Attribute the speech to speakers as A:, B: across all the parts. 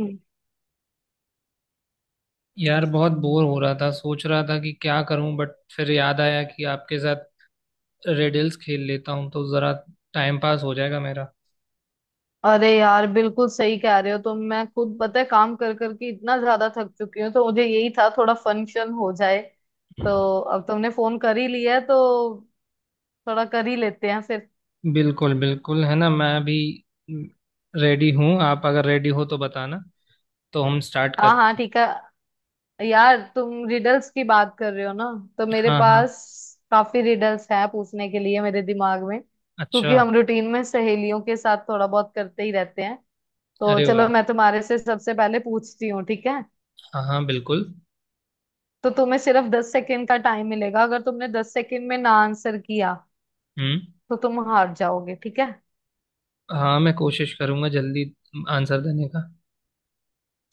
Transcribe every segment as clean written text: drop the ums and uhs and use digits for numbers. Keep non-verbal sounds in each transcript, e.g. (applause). A: हम्म।
B: यार बहुत बोर हो रहा था। सोच रहा था कि क्या करूं, बट फिर याद आया कि आपके साथ रेडल्स खेल लेता हूं तो जरा टाइम पास हो जाएगा मेरा।
A: अरे यार बिल्कुल सही कह रहे हो तुम। मैं खुद पता है काम कर करके इतना ज्यादा थक चुकी हूँ, तो मुझे यही था थोड़ा फंक्शन हो जाए। तो अब तुमने फोन कर ही लिया है तो थोड़ा कर ही लेते हैं फिर।
B: बिल्कुल बिल्कुल, है ना। मैं भी रेडी हूँ, आप अगर रेडी हो तो बताना तो हम स्टार्ट
A: हाँ
B: कर।
A: हाँ ठीक है। यार तुम रिडल्स की बात कर रहे हो ना, तो मेरे
B: हाँ हाँ।
A: पास काफी रिडल्स है पूछने के लिए मेरे दिमाग में,
B: अच्छा।
A: क्योंकि हम रूटीन में सहेलियों के साथ थोड़ा बहुत करते ही रहते हैं। तो
B: अरे
A: चलो
B: वाह,
A: मैं तुम्हारे से सबसे पहले पूछती हूँ, ठीक है।
B: हाँ हाँ बिल्कुल।
A: तो तुम्हें सिर्फ 10 सेकेंड का टाइम मिलेगा, अगर तुमने 10 सेकेंड में ना आंसर किया,
B: हम्म।
A: तो तुम हार जाओगे, ठीक है।
B: हाँ मैं कोशिश करूंगा जल्दी आंसर देने का।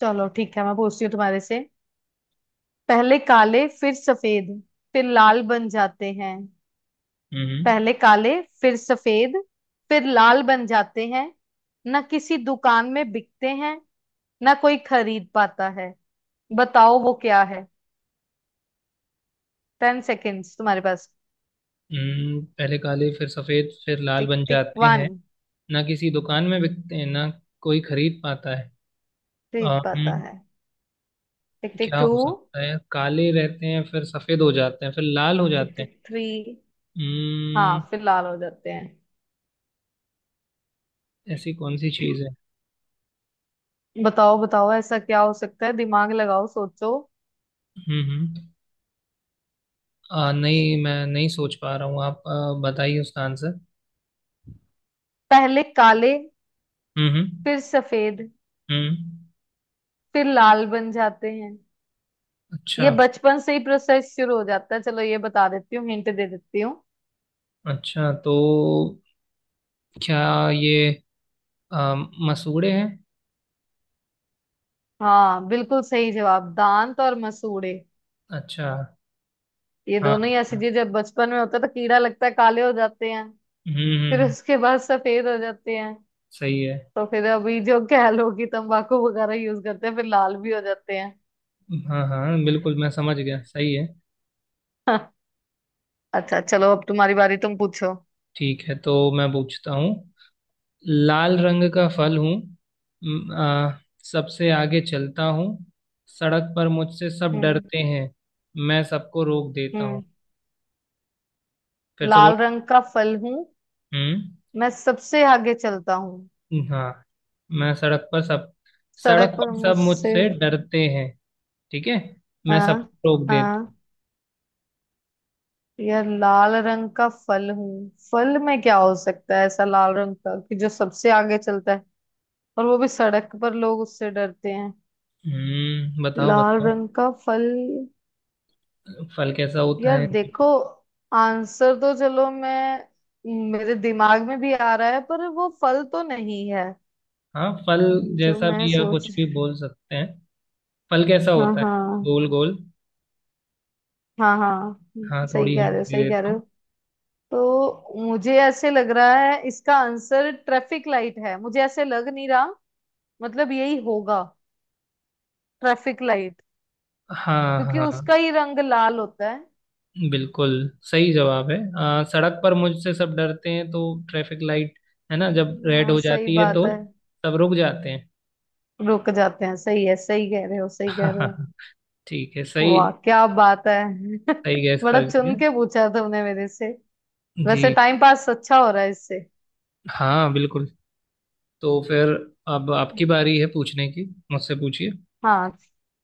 A: चलो ठीक है, मैं पूछती हूँ तुम्हारे से। पहले काले, फिर सफेद, फिर लाल बन जाते हैं।
B: हम्म
A: पहले काले, फिर सफेद, फिर लाल बन जाते हैं। ना किसी दुकान में बिकते हैं, ना कोई खरीद पाता है। बताओ वो क्या है। 10 seconds तुम्हारे पास।
B: हम्म। पहले काले, फिर सफेद, फिर लाल
A: टिक
B: बन
A: टिक
B: जाते
A: वन।
B: हैं। ना किसी दुकान में बिकते हैं, ना कोई खरीद पाता है।
A: खरीद पाता
B: अम,
A: है। टिक टिक
B: क्या
A: टू।
B: हो सकता है। काले रहते हैं फिर सफेद हो जाते हैं फिर लाल हो
A: टिक
B: जाते हैं।
A: Tick three. हाँ
B: हम्म।
A: फिर लाल हो जाते
B: ऐसी कौन सी
A: हैं।
B: चीज है।
A: (clears throat) बताओ बताओ, ऐसा क्या हो सकता है, दिमाग लगाओ, सोचो।
B: हम्म। नहीं मैं नहीं सोच पा रहा हूँ। आप बताइए उसका आंसर।
A: पहले काले,
B: हम्म।
A: फिर सफेद,
B: हम्म।
A: फिर लाल बन जाते हैं।
B: अच्छा।
A: ये बचपन से ही प्रोसेस शुरू हो जाता है। चलो ये बता देती हूँ, हिंट दे देती हूँ।
B: अच्छा तो क्या ये आ, मसूड़े हैं।
A: हाँ बिल्कुल सही जवाब, दांत और मसूड़े।
B: अच्छा।
A: ये
B: हाँ,
A: दोनों ही ऐसी
B: हाँ।
A: चीज, जब बचपन में होता है तो कीड़ा लगता है, काले हो जाते हैं। फिर
B: हम्म।
A: उसके बाद सफेद हो जाते हैं।
B: सही है।
A: तो फिर अभी जो क्या लोग ही तंबाकू वगैरह यूज करते हैं, फिर लाल भी हो जाते हैं।
B: हाँ हाँ बिल्कुल, मैं समझ गया, सही है।
A: अच्छा चलो, अब तुम्हारी बारी, तुम पूछो।
B: ठीक है तो मैं पूछता हूँ। लाल रंग का फल हूँ, म- आ, सबसे आगे चलता हूँ। सड़क पर मुझसे सब
A: हम्म
B: डरते हैं, मैं सबको रोक देता हूँ।
A: हम्म।
B: फिर से बोल।
A: लाल रंग का फल हूँ,
B: हम्म।
A: मैं सबसे आगे चलता हूँ,
B: हाँ, मैं सड़क पर सब। सड़क
A: सड़क पर
B: पर सब
A: मुझसे।
B: मुझसे डरते हैं, ठीक है। मैं
A: हाँ
B: सबको रोक देता हूँ।
A: हाँ। यह लाल रंग का फल हूँ। फल में क्या हो सकता है ऐसा लाल रंग का, कि जो सबसे आगे चलता है, और वो भी सड़क पर लोग उससे डरते हैं।
B: हम्म। बताओ
A: लाल
B: बताओ।
A: रंग का फल।
B: फल कैसा होता
A: यार
B: है।
A: देखो, आंसर तो, चलो मैं, मेरे दिमाग में भी आ रहा है पर वो फल तो नहीं है
B: हाँ फल
A: जो
B: जैसा
A: मैं
B: भी, या कुछ
A: सोच।
B: भी बोल सकते हैं। फल कैसा
A: हाँ
B: होता है।
A: हाँ।
B: गोल गोल।
A: हाँ
B: हाँ
A: सही
B: थोड़ी
A: कह
B: हिंट
A: रहे हो,
B: दे
A: सही कह
B: देता
A: रहे
B: हूँ।
A: हो। तो मुझे ऐसे लग रहा है, इसका आंसर ट्रैफिक लाइट है। मुझे ऐसे लग नहीं रहा, मतलब यही होगा, ट्रैफिक लाइट।
B: हाँ
A: क्योंकि
B: हाँ हाँ।
A: उसका ही रंग लाल होता है।
B: बिल्कुल सही जवाब है। सड़क पर मुझसे सब डरते हैं तो ट्रैफिक लाइट, है ना। जब रेड
A: हाँ
B: हो
A: सही
B: जाती है
A: बात
B: तो
A: है।
B: सब रुक जाते
A: रुक जाते हैं, सही है, सही कह रहे हो, सही कह रहे हो।
B: हैं। (laughs) ठीक है, सही।
A: वाह क्या बात है।
B: सही गैस
A: (laughs)
B: कर
A: बड़ा चुन
B: लिया।
A: के पूछा तुमने मेरे से। वैसे
B: जी,
A: टाइम पास अच्छा हो रहा है इससे।
B: हाँ बिल्कुल। तो फिर अब आपकी बारी है पूछने की, मुझसे पूछिए।
A: हाँ,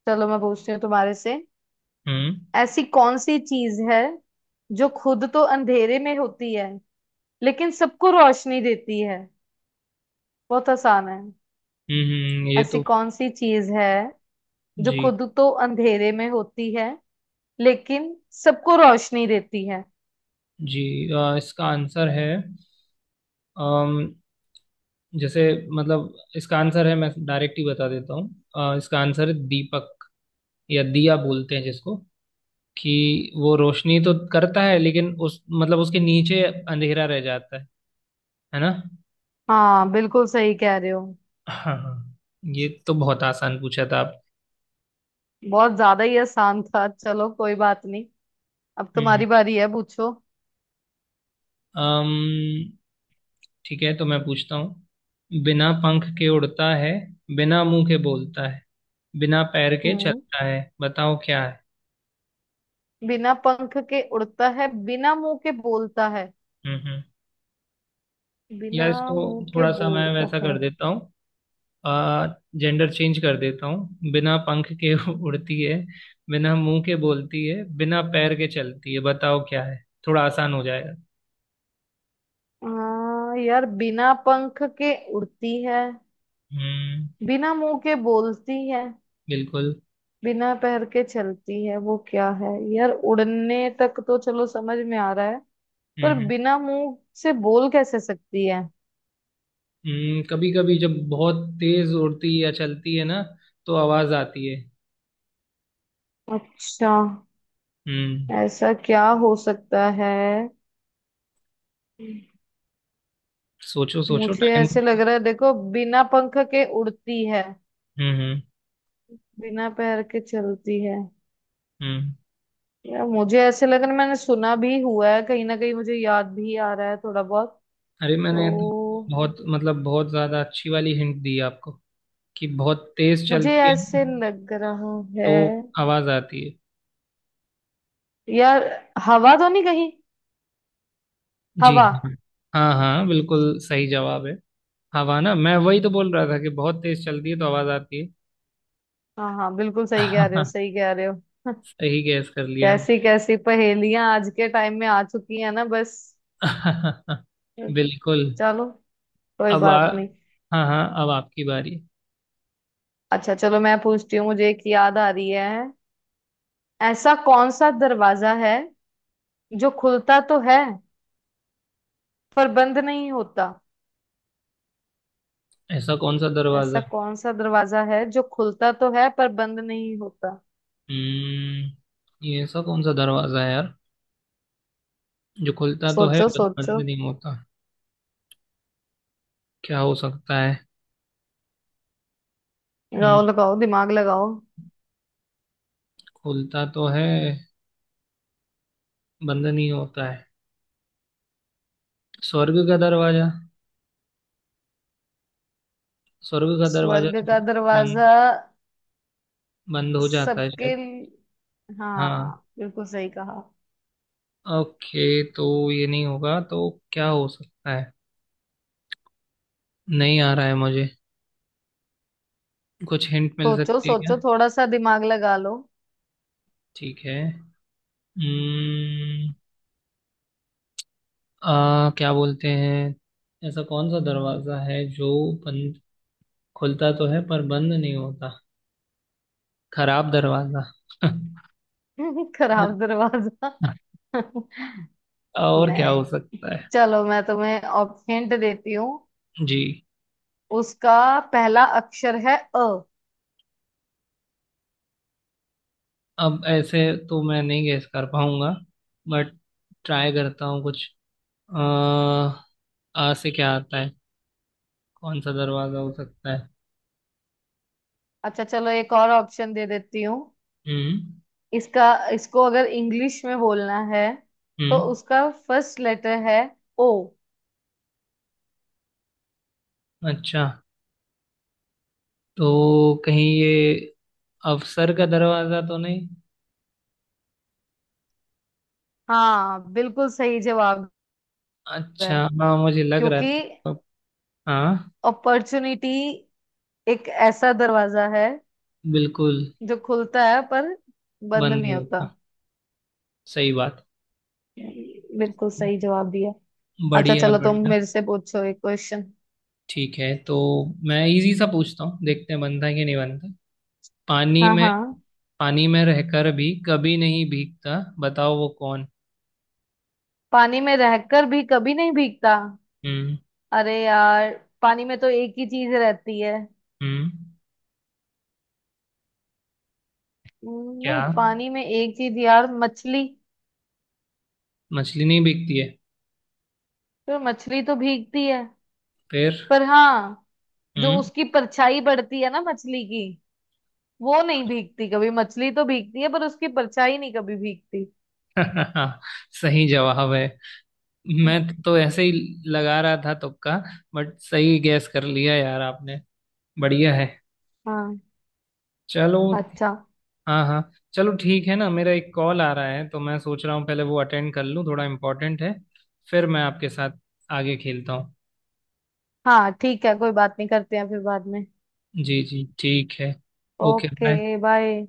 A: चलो मैं पूछती हूँ तुम्हारे से।
B: हम्म।
A: ऐसी कौन सी चीज है जो खुद तो अंधेरे में होती है, लेकिन सबको रोशनी देती है। बहुत आसान है।
B: हम्म। ये
A: ऐसी
B: तो।
A: कौन सी चीज है जो
B: जी।
A: खुद तो अंधेरे में होती है, लेकिन सबको रोशनी देती है।
B: जी। इसका आंसर है। अम, जैसे, मतलब इसका आंसर है, मैं डायरेक्ट ही बता देता हूँ। इसका आंसर है दीपक, या दिया बोलते हैं जिसको, कि वो रोशनी तो करता है लेकिन उस मतलब उसके नीचे अंधेरा रह जाता है ना।
A: हाँ बिल्कुल सही कह रहे हो।
B: हाँ हाँ। ये तो बहुत आसान पूछा था आप।
A: बहुत ज्यादा ही आसान था, चलो कोई बात नहीं। अब
B: हम्म।
A: तुम्हारी बारी है, पूछो।
B: अम्म ठीक है तो मैं पूछता हूँ। बिना पंख के उड़ता है, बिना मुंह के बोलता है, बिना पैर के
A: हम्म।
B: चलता है, बताओ क्या है।
A: बिना पंख के उड़ता है, बिना मुंह के बोलता है,
B: हम्म, हम्म। या
A: बिना
B: इसको
A: मुंह के
B: थोड़ा सा मैं
A: बोलता
B: वैसा
A: है।
B: कर देता हूँ। आ, जेंडर चेंज कर देता हूँ। बिना पंख के (laughs) उड़ती है, बिना मुंह के बोलती है, बिना पैर के चलती है, बताओ क्या है। थोड़ा आसान हो जाएगा।
A: हाँ यार, बिना पंख के उड़ती है,
B: हम्म।
A: बिना मुंह के बोलती है,
B: बिल्कुल।
A: बिना पैर के चलती है, वो क्या है यार। उड़ने तक तो चलो समझ में आ रहा है, पर
B: हम्म
A: बिना मुंह से बोल कैसे सकती है।
B: हम्म। कभी कभी जब बहुत तेज उड़ती या चलती है ना, तो आवाज आती है।
A: अच्छा,
B: हम्म।
A: ऐसा क्या हो सकता है।
B: सोचो सोचो
A: मुझे
B: टाइम।
A: ऐसे लग रहा है, देखो, बिना पंख के उड़ती है,
B: हम्म।
A: बिना पैर के चलती है।
B: हम्म।
A: यार मुझे ऐसे लग रहा है, मैंने सुना भी हुआ है कहीं ना कहीं, मुझे याद भी आ रहा है थोड़ा बहुत।
B: अरे मैंने तो
A: तो
B: बहुत, मतलब बहुत ज्यादा अच्छी वाली हिंट दी आपको, कि बहुत तेज
A: मुझे
B: चलती है
A: ऐसे लग रहा
B: तो
A: है
B: आवाज आती है।
A: यार, हवा तो नहीं कहीं।
B: जी
A: हवा।
B: हाँ। हाँ हाँ बिल्कुल सही जवाब है। हवा ना, मैं वही तो बोल रहा था कि बहुत तेज चलती है तो आवाज आती है।
A: हाँ हाँ बिल्कुल सही कह रहे हो,
B: (laughs)
A: सही कह रहे हो। (laughs)
B: सही गैस कर लिया।
A: कैसी कैसी पहेलियां आज के टाइम में आ चुकी हैं ना, बस।
B: (laughs) बिल्कुल।
A: चलो कोई
B: अब आ,
A: बात नहीं।
B: हाँ हाँ अब आपकी बारी।
A: अच्छा चलो, मैं पूछती हूँ, मुझे एक याद आ रही है। ऐसा कौन सा दरवाजा है जो खुलता तो है, पर बंद नहीं होता।
B: ऐसा कौन सा
A: ऐसा
B: दरवाजा।
A: कौन सा दरवाजा है जो खुलता तो है, पर बंद नहीं होता।
B: हम्म, ये ऐसा कौन सा दरवाजा है यार, जो खुलता तो है
A: सोचो
B: बट बंद
A: सोचो,
B: नहीं होता। क्या हो सकता है। हम्म,
A: लगाओ लगाओ, दिमाग लगाओ।
B: खुलता तो है, बंद नहीं होता है। स्वर्ग का दरवाजा। स्वर्ग का दरवाजा
A: स्वर्ग
B: तो
A: का
B: बंद,
A: दरवाजा?
B: बंद हो जाता है शायद। हाँ।
A: हाँ बिल्कुल सही कहा।
B: ओके तो ये नहीं होगा तो क्या हो सकता है। नहीं आ रहा है मुझे, कुछ हिंट मिल
A: सोचो
B: सकती है क्या।
A: सोचो, थोड़ा सा दिमाग लगा लो।
B: ठीक है। हम्म। आ क्या बोलते हैं। ऐसा कौन सा दरवाजा है जो बंद, खुलता तो है पर बंद नहीं होता। खराब दरवाजा।
A: (laughs) खराब
B: (laughs)
A: दरवाजा। (laughs) नहीं,
B: और क्या हो सकता है।
A: चलो मैं तुम्हें ऑप्शन देती हूँ।
B: जी।
A: उसका पहला अक्षर है अ।
B: अब ऐसे तो मैं नहीं गेस कर पाऊंगा, बट ट्राई करता हूँ कुछ। आ, आ से क्या आता है, कौन सा दरवाजा हो सकता है।
A: अच्छा चलो, एक और ऑप्शन दे देती हूँ।
B: हम्म।
A: इसका, इसको अगर इंग्लिश में बोलना है, तो
B: हम्म।
A: उसका फर्स्ट लेटर है ओ।
B: अच्छा तो कहीं ये अफसर का दरवाजा तो नहीं।
A: हाँ बिल्कुल सही जवाब है।
B: अच्छा हाँ मुझे लग रहा
A: क्योंकि
B: था। हाँ
A: अपॉर्चुनिटी एक ऐसा दरवाजा है,
B: बिल्कुल।
A: जो खुलता है पर बंद
B: बंद
A: नहीं
B: नहीं
A: होता।
B: होता। सही बात।
A: बिल्कुल सही जवाब दिया। अच्छा
B: बढ़िया
A: चलो, तुम
B: बढ़िया।
A: मेरे से पूछो एक क्वेश्चन।
B: ठीक है तो मैं इजी सा पूछता हूँ, देखते हैं बनता है कि नहीं बनता। पानी
A: हाँ
B: में,
A: हाँ।
B: पानी में रहकर भी कभी नहीं भीगता, बताओ वो कौन।
A: पानी में रहकर भी कभी नहीं भीगता।
B: हम्म।
A: अरे यार, पानी में तो एक ही चीज रहती है।
B: हम्म। क्या,
A: नहीं, पानी में एक चीज यार, मछली।
B: मछली नहीं भीगती है।
A: तो मछली तो भीगती है,
B: फिर।
A: पर हाँ, जो
B: हम्म।
A: उसकी परछाई पड़ती है ना मछली की, वो नहीं भीगती कभी। मछली तो भीगती है, पर उसकी परछाई नहीं कभी भीगती।
B: (laughs) सही जवाब है। मैं तो ऐसे ही लगा रहा था तुक्का, बट सही गैस कर लिया यार आपने। बढ़िया है।
A: हाँ।
B: चलो।
A: अच्छा,
B: हाँ हाँ। चलो ठीक है ना, मेरा एक कॉल आ रहा है तो मैं सोच रहा हूँ पहले वो अटेंड कर लूँ, थोड़ा इम्पोर्टेंट है। फिर मैं आपके साथ आगे खेलता हूँ।
A: हाँ ठीक है, कोई बात नहीं, करते हैं फिर बाद में।
B: जी जी ठीक है। Okay bye.
A: Okay bye.